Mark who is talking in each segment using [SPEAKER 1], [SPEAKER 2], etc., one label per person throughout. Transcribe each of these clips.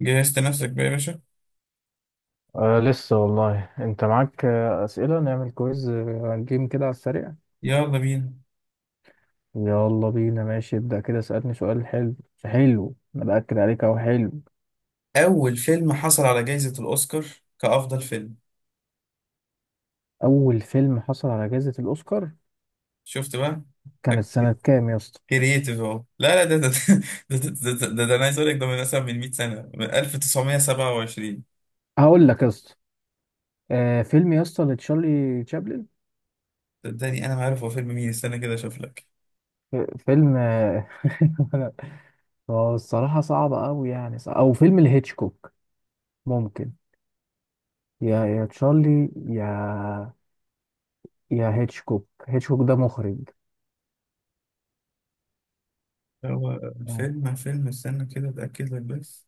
[SPEAKER 1] جهزت نفسك بقى يا باشا.
[SPEAKER 2] آه لسه والله انت معاك، اسئله نعمل كويز، جيم كده على السريع.
[SPEAKER 1] يلا بينا.
[SPEAKER 2] يلا بينا. ماشي ابدا كده، اسالني سؤال حلو. حلو، انا باكد عليك اهو. حلو،
[SPEAKER 1] أول فيلم حصل على جائزة الأوسكار كأفضل فيلم؟
[SPEAKER 2] اول فيلم حصل على جائزه الاوسكار
[SPEAKER 1] شفت بقى؟
[SPEAKER 2] كانت سنه كام يا اسطى؟
[SPEAKER 1] كرييتيف أهو. لا لا، ده أنا عايز أقول لك، ده من مثلا من 100 سنة، من 1927.
[SPEAKER 2] هقول لك يا اسطى. آه، فيلم يا اسطى لتشارلي تشابلن.
[SPEAKER 1] صدقني أنا ما عارف هو فيلم مين، استنى كده أشوف لك.
[SPEAKER 2] ف- فيلم، هو الصراحه صعب قوي، يعني صعب. او فيلم لهيتشكوك، ممكن. يا يا تشارلي، يا يا هيتشكوك. هيتشكوك ده مخرج.
[SPEAKER 1] هو
[SPEAKER 2] آه،
[SPEAKER 1] فيلم استنى كده أتأكد لك بس.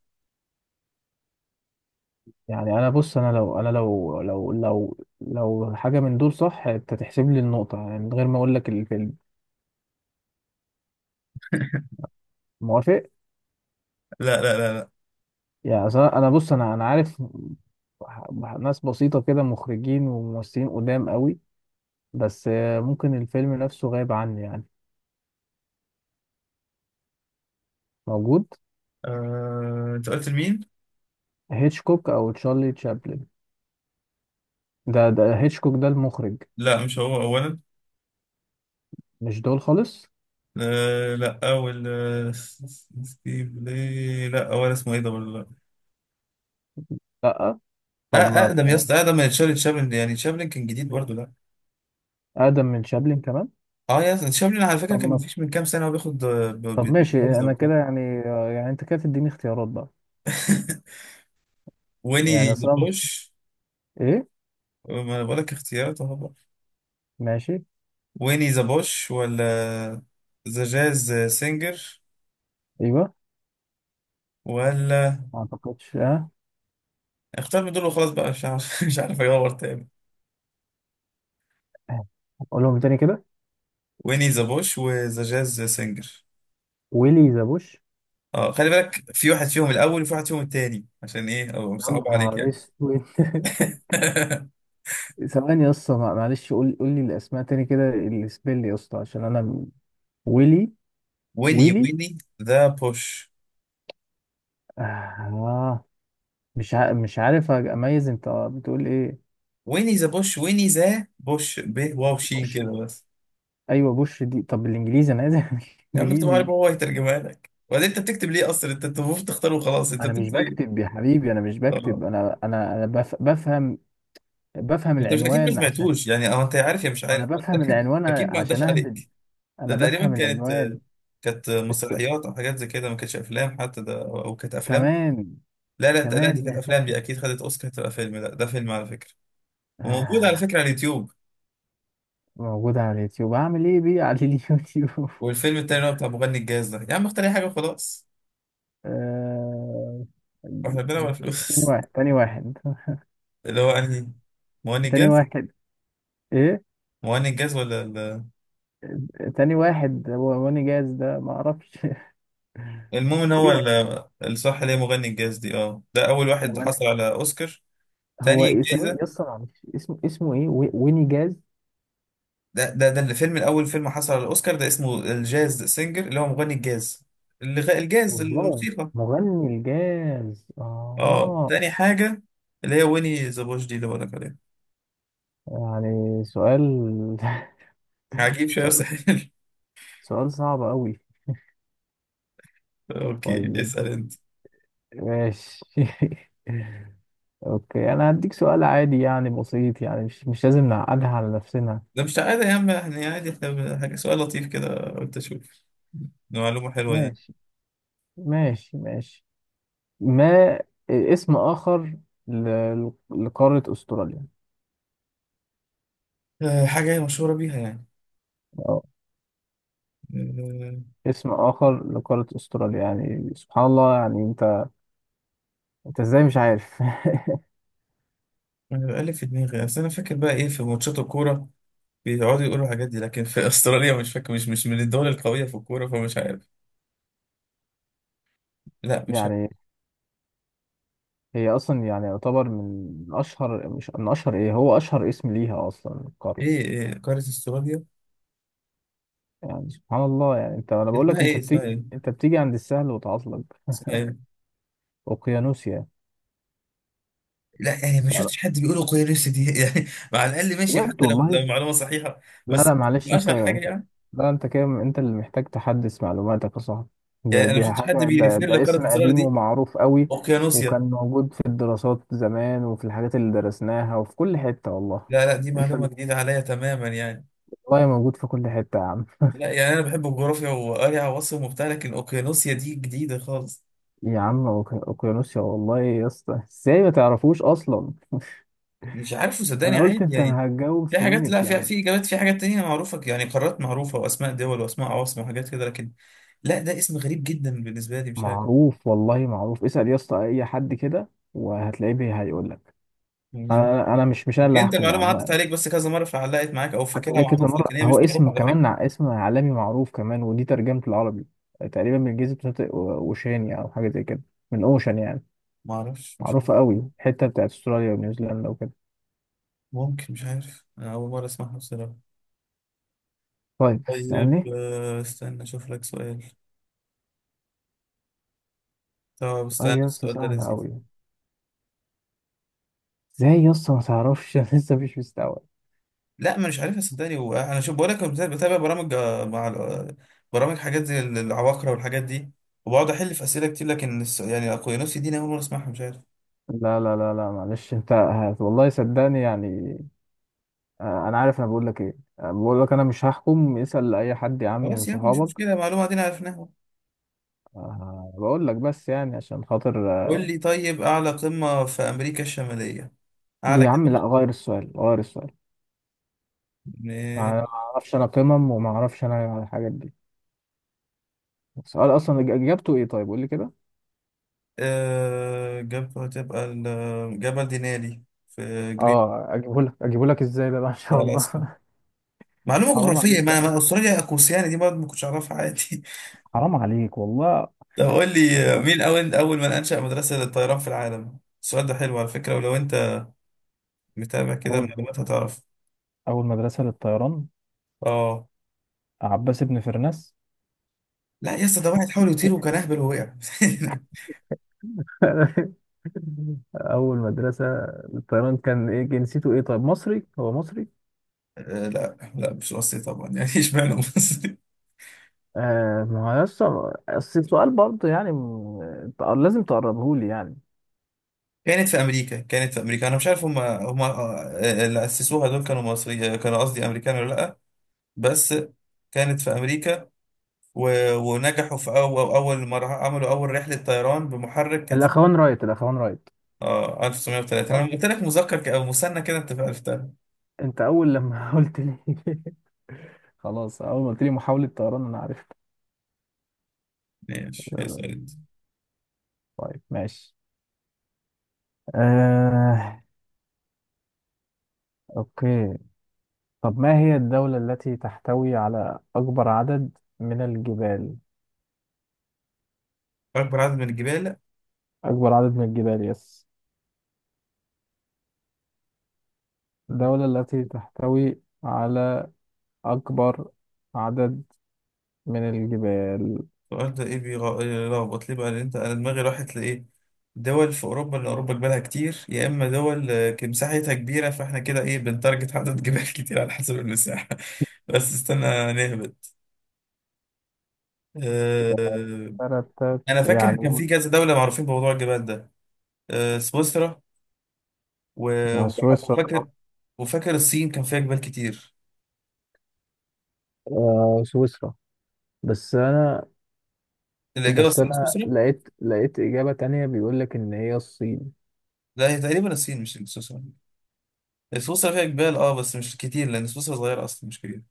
[SPEAKER 2] يعني انا بص، انا لو انا لو حاجه من دول صح انت تحسب لي النقطه، يعني من غير ما اقول لك الفيلم. موافق؟
[SPEAKER 1] لا لا لا لا.
[SPEAKER 2] يعني أصل انا، بص انا عارف ح- ناس بسيطه كده، مخرجين وممثلين قدام قوي. بس، ممكن الفيلم نفسه غايب عني يعني. موجود.
[SPEAKER 1] أنت قلت لمين؟
[SPEAKER 2] هيتشكوك او تشارلي تشابلن. ده ده هيتشكوك ده المخرج.
[SPEAKER 1] لا مش هو أولا.
[SPEAKER 2] مش دول خالص.
[SPEAKER 1] لا أول، ستيف، ليه؟ لا أول اسمه إيه ده ولا؟
[SPEAKER 2] لا
[SPEAKER 1] أه،
[SPEAKER 2] طب ما
[SPEAKER 1] اقدم يا اسطى، اقدم من تشارلي تشابلن، يعني تشابلن كان جديد برضه ده.
[SPEAKER 2] اقدم من شابلن كمان.
[SPEAKER 1] اه يا اسطى تشابلن على فكره
[SPEAKER 2] طب
[SPEAKER 1] كان
[SPEAKER 2] ما
[SPEAKER 1] مفيش من كام سنه هو بياخد
[SPEAKER 2] طب ماشي
[SPEAKER 1] جايزه
[SPEAKER 2] انا
[SPEAKER 1] وبتاع.
[SPEAKER 2] كده يعني، يعني انت كده تديني اختيارات بقى. يعني
[SPEAKER 1] ويني ذا
[SPEAKER 2] اصلا
[SPEAKER 1] بوش.
[SPEAKER 2] ايه.
[SPEAKER 1] ما انا بقول لك اختيارات اهو بقى.
[SPEAKER 2] ماشي.
[SPEAKER 1] ويني ذا بوش ولا ذا جاز سينجر
[SPEAKER 2] ايوه.
[SPEAKER 1] ولا؟
[SPEAKER 2] ما اعتقدش اه.
[SPEAKER 1] اختار من دول وخلاص بقى، مش عارف. مش عارف اجاوب تاني.
[SPEAKER 2] قولهم تاني كده.
[SPEAKER 1] ويني ذا بوش وذا جاز سينجر.
[SPEAKER 2] ويلي ذا بوش.
[SPEAKER 1] اه، خلي بالك في واحد فيهم الاول وفي واحد فيهم التاني، عشان ايه او
[SPEAKER 2] يا
[SPEAKER 1] صعب عليك
[SPEAKER 2] نهار
[SPEAKER 1] يعني.
[SPEAKER 2] اسود. ثواني يا اسطى، معلش قول، قول لي الاسماء تاني كده السبيل يا اسطى عشان انا ويلي.
[SPEAKER 1] ويني
[SPEAKER 2] ويلي،
[SPEAKER 1] ويني ذا بوش،
[SPEAKER 2] آه. مش عارف اميز انت بتقول ايه.
[SPEAKER 1] ويني ذا بوش، ويني ذا بوش، ب واو شين
[SPEAKER 2] بوش.
[SPEAKER 1] كده بس.
[SPEAKER 2] ايوه بوش دي طب بالانجليزي انا عايز.
[SPEAKER 1] يا عم اكتب
[SPEAKER 2] انجليزي.
[SPEAKER 1] عربي وهو هيترجمها لك. وبعدين انت بتكتب ليه اصلا؟ انت المفروض تختاره وخلاص. انت
[SPEAKER 2] انا مش
[SPEAKER 1] بتكتب
[SPEAKER 2] بكتب
[SPEAKER 1] ايه؟
[SPEAKER 2] يا حبيبي، انا مش بكتب،
[SPEAKER 1] اه،
[SPEAKER 2] انا بفهم، بفهم
[SPEAKER 1] انت مش اكيد ما
[SPEAKER 2] العنوان عشان،
[SPEAKER 1] سمعتوش يعني، اه انت عارف يا مش
[SPEAKER 2] انا
[SPEAKER 1] عارف.
[SPEAKER 2] بفهم العنوان
[SPEAKER 1] اكيد ما
[SPEAKER 2] عشان
[SPEAKER 1] عداش
[SPEAKER 2] اهبط.
[SPEAKER 1] عليك. ده
[SPEAKER 2] انا
[SPEAKER 1] تقريبا
[SPEAKER 2] بفهم
[SPEAKER 1] كانت،
[SPEAKER 2] العنوان.
[SPEAKER 1] كانت
[SPEAKER 2] بس
[SPEAKER 1] مسرحيات او حاجات زي كده، ما كانتش افلام حتى ده، او كانت افلام.
[SPEAKER 2] كمان.
[SPEAKER 1] لا لا لا،
[SPEAKER 2] كمان
[SPEAKER 1] دي كانت
[SPEAKER 2] يعني.
[SPEAKER 1] افلام، دي اكيد خدت اوسكار تبقى فيلم، لا ده فيلم على فكره. وموجود على
[SPEAKER 2] آه.
[SPEAKER 1] فكره على اليوتيوب.
[SPEAKER 2] موجودة على اليوتيوب، اعمل ايه بيه على اليوتيوب؟
[SPEAKER 1] والفيلم التاني اللي هو بتاع مغني الجاز ده، يا عم اختار اي حاجه وخلاص،
[SPEAKER 2] آه.
[SPEAKER 1] واحنا بنلعب على
[SPEAKER 2] تاني
[SPEAKER 1] فلوس.
[SPEAKER 2] واحد، تاني واحد.
[SPEAKER 1] اللي هو انهي، مغني
[SPEAKER 2] تاني
[SPEAKER 1] الجاز؟
[SPEAKER 2] واحد، ايه؟
[SPEAKER 1] مغني الجاز ولا
[SPEAKER 2] تاني واحد هو واني جاز ده، ما اعرفش.
[SPEAKER 1] المهم ان هو
[SPEAKER 2] ايوه.
[SPEAKER 1] الصح اللي هي مغني الجاز دي. اه، ده اول واحد
[SPEAKER 2] مغني،
[SPEAKER 1] حصل على اوسكار.
[SPEAKER 2] هو
[SPEAKER 1] تاني
[SPEAKER 2] ايه سواء
[SPEAKER 1] جايزة،
[SPEAKER 2] يسطا معلش، اسمه، اسمه ايه؟ ويني جاز.
[SPEAKER 1] ده الفيلم الاول، فيلم حصل على الاوسكار ده اسمه الجاز سينجر، اللي هو مغني الجاز، الجاز
[SPEAKER 2] والله.
[SPEAKER 1] الموسيقى.
[SPEAKER 2] مغني الجاز،
[SPEAKER 1] اه
[SPEAKER 2] اها.
[SPEAKER 1] تاني حاجة اللي هي ويني ذا بوش دي اللي بقولك عليها.
[SPEAKER 2] يعني سؤال،
[SPEAKER 1] عجيب شوية
[SPEAKER 2] سؤال،
[SPEAKER 1] بس حلو.
[SPEAKER 2] سؤال صعب قوي.
[SPEAKER 1] اوكي،
[SPEAKER 2] طيب
[SPEAKER 1] اسأل انت.
[SPEAKER 2] ماشي. اوكي، انا هديك سؤال عادي يعني بسيط، يعني مش مش لازم نعقدها على نفسنا.
[SPEAKER 1] ده مش عادي يا عم، احنا عادي، حاجة سؤال لطيف كده قلت اشوف معلومة حلوة يعني.
[SPEAKER 2] ماشي، ماشي، ماشي. ما اسم اخر لقارة استراليا؟
[SPEAKER 1] حاجة هي مشهورة بيها
[SPEAKER 2] اه.
[SPEAKER 1] يعني.
[SPEAKER 2] اسم اخر لقارة استراليا، يعني سبحان الله يعني انت، انت ازاي مش عارف؟
[SPEAKER 1] انا بقالي في دماغي، اصل انا فاكر بقى ايه في ماتشات الكوره بيقعدوا يقولوا الحاجات دي، لكن في استراليا مش فاكر، مش من الدول القويه في الكوره فمش عارف. لا مش
[SPEAKER 2] يعني
[SPEAKER 1] عارف.
[SPEAKER 2] هي اصلا يعني يعتبر من اشهر، مش من اشهر، ايه، هو اشهر اسم ليها اصلا القارة.
[SPEAKER 1] إيه قاره استراليا؟
[SPEAKER 2] يعني سبحان الله يعني انت، انا بقول لك
[SPEAKER 1] اسمها
[SPEAKER 2] انت
[SPEAKER 1] ايه؟ اسمها
[SPEAKER 2] بتيجي،
[SPEAKER 1] ايه؟
[SPEAKER 2] انت بتيجي عند السهل وتعطل.
[SPEAKER 1] اسمها ايه؟
[SPEAKER 2] اوقيانوسيا.
[SPEAKER 1] لا، يعني ما شفتش حد بيقول القويه نفسي دي. يعني مع الاقل ماشي
[SPEAKER 2] بجد
[SPEAKER 1] حتى لو
[SPEAKER 2] والله.
[SPEAKER 1] لو معلومه صحيحه.
[SPEAKER 2] لا
[SPEAKER 1] بس
[SPEAKER 2] لا معلش
[SPEAKER 1] مش
[SPEAKER 2] انت،
[SPEAKER 1] اشهر حاجه
[SPEAKER 2] انت.
[SPEAKER 1] يعني.
[SPEAKER 2] لا انت كده، انت اللي محتاج تحدث معلوماتك يا صاحبي.
[SPEAKER 1] يعني
[SPEAKER 2] ده
[SPEAKER 1] انا ما
[SPEAKER 2] دي
[SPEAKER 1] شفتش حد
[SPEAKER 2] حاجة،
[SPEAKER 1] بيريفير
[SPEAKER 2] ده اسم
[SPEAKER 1] لقاره استراليا
[SPEAKER 2] قديم
[SPEAKER 1] دي
[SPEAKER 2] ومعروف قوي. وكان
[SPEAKER 1] اوقيانوسيا.
[SPEAKER 2] موجود في الدراسات زمان، وفي الحاجات اللي درسناها، وفي كل حتة والله.
[SPEAKER 1] لا لا دي
[SPEAKER 2] انت،
[SPEAKER 1] معلومه جديده عليا تماما يعني.
[SPEAKER 2] والله موجود في كل حتة يا عم.
[SPEAKER 1] لا يعني انا بحب الجغرافيا وقاري عواصم وبتاع، لكن اوقيانوسيا دي جديده خالص.
[SPEAKER 2] يا عم، اوقيانوسيا والله يا اسطى، ازاي ما تعرفوش اصلا؟
[SPEAKER 1] مش عارفه
[SPEAKER 2] انا
[SPEAKER 1] صدقني،
[SPEAKER 2] قلت
[SPEAKER 1] عادي
[SPEAKER 2] انت
[SPEAKER 1] يعني.
[SPEAKER 2] هتجاوب
[SPEAKER 1] في
[SPEAKER 2] في
[SPEAKER 1] حاجات،
[SPEAKER 2] منت
[SPEAKER 1] لا، في
[SPEAKER 2] يعني.
[SPEAKER 1] في اجابات، في حاجات تانية معروفه، يعني قارات معروفه واسماء دول واسماء عواصم وحاجات كده، لكن لا، ده اسم غريب جدا بالنسبه لي مش عارف
[SPEAKER 2] معروف والله معروف، اسأل يا اسطى اي حد كده وهتلاقيه هيقول لك.
[SPEAKER 1] يعني.
[SPEAKER 2] انا، مش انا اللي
[SPEAKER 1] يمكن انت
[SPEAKER 2] هحكم يا
[SPEAKER 1] المعلومه
[SPEAKER 2] عم.
[SPEAKER 1] عدت عليك بس كذا مره فعلقت معاك او
[SPEAKER 2] حتى
[SPEAKER 1] فاكرها
[SPEAKER 2] عليه كذا
[SPEAKER 1] معروفه، لكن
[SPEAKER 2] مره،
[SPEAKER 1] هي
[SPEAKER 2] هو
[SPEAKER 1] مش معروفه
[SPEAKER 2] اسم
[SPEAKER 1] على فكره.
[SPEAKER 2] كمان اسم عالمي معروف كمان. ودي ترجمه العربي، تقريبا من جزيره شاطئ، اوشينيا او حاجه زي كده، من اوشن يعني.
[SPEAKER 1] ما اعرفش مش عارف.
[SPEAKER 2] معروفه قوي الحته بتاعت استراليا ونيوزيلندا وكده.
[SPEAKER 1] ممكن، مش عارف، أنا اول مره اسمعها بصراحه.
[SPEAKER 2] طيب
[SPEAKER 1] طيب
[SPEAKER 2] سألني.
[SPEAKER 1] استنى اشوف لك سؤال. طب
[SPEAKER 2] قال
[SPEAKER 1] استنى،
[SPEAKER 2] يا اسطى
[SPEAKER 1] السؤال ده
[SPEAKER 2] سهله
[SPEAKER 1] لذيذ.
[SPEAKER 2] قوي، ازاي يا اسطى ما تعرفش؟ أنا لسه مش مستوعب.
[SPEAKER 1] لا ما مش عارفها صدقني. وانا شوف بقول لك، بتابع برامج برامج حاجات زي العباقرة والحاجات دي، وبقعد احل في اسئله كتير، لكن يعني اقوينوس دي انا اول مره اسمعها مش عارف.
[SPEAKER 2] لا لا لا لا معلش، انت والله صدقني يعني. انا عارف، انا بقول لك ايه، بقول لك انا مش هحكم، اسأل اي حد يا عم من
[SPEAKER 1] خلاص يا عم مش
[SPEAKER 2] صحابك.
[SPEAKER 1] مشكله، معلومه دي عرفناها.
[SPEAKER 2] بقول لك بس يعني عشان خاطر.
[SPEAKER 1] قول لي طيب، اعلى قمه في امريكا الشماليه، اعلى
[SPEAKER 2] يا عم لا،
[SPEAKER 1] جبل؟
[SPEAKER 2] غير السؤال، غير السؤال. ما
[SPEAKER 1] ماشي.
[SPEAKER 2] اعرفش انا قمم، وما اعرفش انا الحاجات دي. السؤال اصلا اجابته ايه طيب، قول لي كده.
[SPEAKER 1] آه، جبل تبقى جبل دينالي، في جريت،
[SPEAKER 2] اه اجيبه لك، اجيبه لك ازاي ده بقى؟ ان
[SPEAKER 1] في
[SPEAKER 2] شاء الله.
[SPEAKER 1] الاسكا. معلومه
[SPEAKER 2] حرام
[SPEAKER 1] جغرافيه،
[SPEAKER 2] عليك يا
[SPEAKER 1] ما
[SPEAKER 2] عم،
[SPEAKER 1] ما استراليا اقوسياني دي برضه ما كنتش اعرفها، عادي.
[SPEAKER 2] حرام عليك والله.
[SPEAKER 1] طب قول لي، مين أول أول من أنشأ مدرسة للطيران في العالم؟ السؤال ده حلو على فكرة، ولو أنت متابع كده
[SPEAKER 2] اول،
[SPEAKER 1] المعلومات هتعرف.
[SPEAKER 2] اول مدرسة للطيران،
[SPEAKER 1] آه
[SPEAKER 2] عباس بن فرناس.
[SPEAKER 1] لا يا اسطى، ده واحد حاول يطير وكان أهبل ووقع.
[SPEAKER 2] اول مدرسه الطيران كان ايه جنسيته، ايه طيب، مصري؟ هو مصري؟
[SPEAKER 1] لا لا مش مصري طبعا يعني، اشمعنى مصري؟
[SPEAKER 2] آه، ما هو يسطا اصل السؤال برضه يعني، لازم تقربه لي يعني.
[SPEAKER 1] كانت في أمريكا، كانت في أمريكا. أنا مش عارف هم هم، اللي أسسوها دول كانوا مصري كانوا، قصدي أمريكان ولا لأ. بس كانت في أمريكا و... ونجحوا في أول أول مرة عملوا أول رحلة طيران بمحرك، كانت في
[SPEAKER 2] الاخوان رايت، الاخوان رايت.
[SPEAKER 1] اه 1930. انا
[SPEAKER 2] صح،
[SPEAKER 1] لما قلت لك مذكر او مثنى كده انت عرفتها.
[SPEAKER 2] انت اول لما قلت لي، خلاص اول ما قلت لي محاولة طيران انا عرفت.
[SPEAKER 1] ماشي، اسأل
[SPEAKER 2] آه،
[SPEAKER 1] انت.
[SPEAKER 2] طيب ماشي. آه، اوكي. طب ما هي الدولة التي تحتوي على اكبر عدد من الجبال؟
[SPEAKER 1] أكبر عدد من الجبال.
[SPEAKER 2] اكبر عدد من الجبال يس. الدولة التي تحتوي على اكبر عدد من الجبال.
[SPEAKER 1] السؤال ده إيه بيلخبط ليه بقى؟ لأن أنت، أنا دماغي راحت لإيه، دول في أوروبا لأن أوروبا جبالها كتير، يا إما دول مساحتها كبيرة، فإحنا كده إيه بنتارجت عدد جبال كتير على حسب المساحة. بس استنى نهبط. آه، أنا فاكر كان
[SPEAKER 2] يعني
[SPEAKER 1] في كذا دولة معروفين بموضوع الجبال ده، سويسرا
[SPEAKER 2] سويسرا
[SPEAKER 1] وفاكر،
[SPEAKER 2] صح؟
[SPEAKER 1] وفاكر الصين كان فيها جبال كتير.
[SPEAKER 2] آه، سويسرا. بس انا،
[SPEAKER 1] الإجابة
[SPEAKER 2] بس
[SPEAKER 1] الصح
[SPEAKER 2] انا
[SPEAKER 1] سويسرا؟
[SPEAKER 2] لقيت، لقيت اجابة تانية بيقول لك ان هي الصين.
[SPEAKER 1] لا هي تقريبا الصين مش سويسرا. سويسرا فيها جبال اه، بس مش كتير، لان سويسرا صغيره اصلا مش كبيره.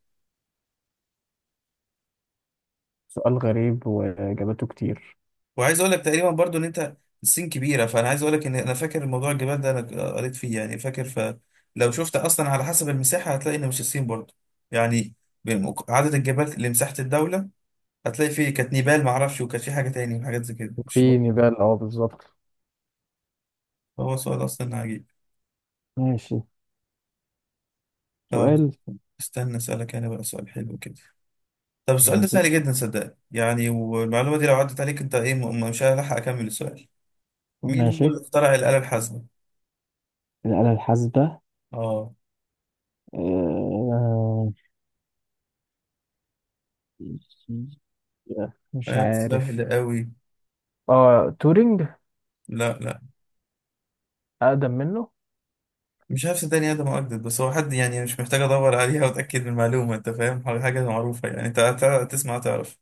[SPEAKER 2] سؤال غريب وإجاباته كتير.
[SPEAKER 1] وعايز اقول لك تقريبا برضو ان انت، الصين كبيره، فانا عايز اقول لك ان انا فاكر موضوع الجبال ده، انا قريت فيه يعني فاكر، فلو شفت اصلا على حسب المساحه هتلاقي ان مش الصين برضو يعني. عدد الجبال لمساحه الدوله، هتلاقي فيه كانت نيبال معرفش، وكانت في حاجه تاني وحاجات زي كده مش
[SPEAKER 2] في
[SPEAKER 1] برضو.
[SPEAKER 2] نبال اه بالظبط.
[SPEAKER 1] هو سؤال اصلا عجيب.
[SPEAKER 2] ماشي،
[SPEAKER 1] طب
[SPEAKER 2] سؤال.
[SPEAKER 1] استنى اسالك انا بقى سؤال حلو كده. طب السؤال ده
[SPEAKER 2] ماشي،
[SPEAKER 1] سهل جدا صدقني يعني، والمعلومه دي لو عدت عليك انت ايه مش هلحق اكمل السؤال. مين هو
[SPEAKER 2] ماشي.
[SPEAKER 1] اللي اخترع الآلة الحاسبة؟
[SPEAKER 2] الآلة الحاسبة،
[SPEAKER 1] اه،
[SPEAKER 2] آه، مش
[SPEAKER 1] آية
[SPEAKER 2] عارف.
[SPEAKER 1] سهل قوي.
[SPEAKER 2] اه تورينج.
[SPEAKER 1] لا لا
[SPEAKER 2] اقدم منه.
[SPEAKER 1] مش عارف صدقني، ادم اجدد، بس هو حد يعني مش محتاج ادور عليها واتاكد من المعلومه، انت فاهم حاجه معروفه يعني، انت تسمع تعرف.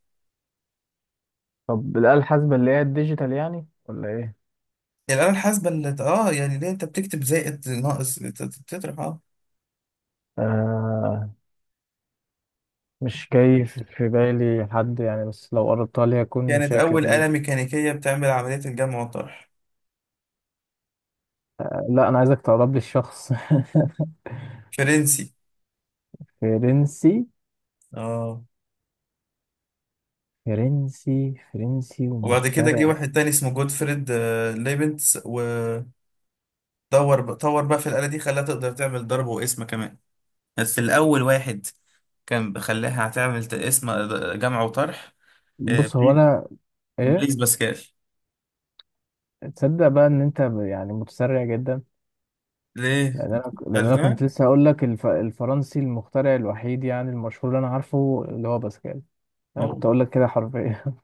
[SPEAKER 2] طب الآلة الحاسبة اللي هي الديجيتال يعني ولا ايه؟
[SPEAKER 1] الآلة الحاسبة اللي اه، يعني ليه انت بتكتب زائد ناقص تطرح اه.
[SPEAKER 2] آه، مش جاي في بالي حد يعني، بس لو قربتها لي هكون
[SPEAKER 1] كانت
[SPEAKER 2] شاكر
[SPEAKER 1] أول
[SPEAKER 2] ليك.
[SPEAKER 1] آلة ميكانيكية بتعمل عملية الجمع والطرح.
[SPEAKER 2] لا أنا عايزك تقرب لي الشخص.
[SPEAKER 1] فرنسي.
[SPEAKER 2] فرنسي.
[SPEAKER 1] اه،
[SPEAKER 2] فرنسي، فرنسي
[SPEAKER 1] وبعد كده جه
[SPEAKER 2] ومخترع.
[SPEAKER 1] واحد تاني اسمه جوتفريد ليبنتس، ودور طور بقى في الآلة دي خلاها تقدر تعمل ضرب وقسمة كمان. بس الأول واحد كان بخليها هتعمل اسم جمع وطرح.
[SPEAKER 2] بص هو
[SPEAKER 1] بليز،
[SPEAKER 2] انا، ايه؟
[SPEAKER 1] بليز باسكال.
[SPEAKER 2] تصدق بقى ان انت يعني متسرع جدا؟
[SPEAKER 1] ليه؟
[SPEAKER 2] لان انا لان انا كنت
[SPEAKER 1] عرفتها.
[SPEAKER 2] لسه هقول لك الفرنسي المخترع الوحيد يعني المشهور اللي انا عارفه اللي هو باسكال. انا كنت
[SPEAKER 1] هو
[SPEAKER 2] اقول لك كده حرفيا.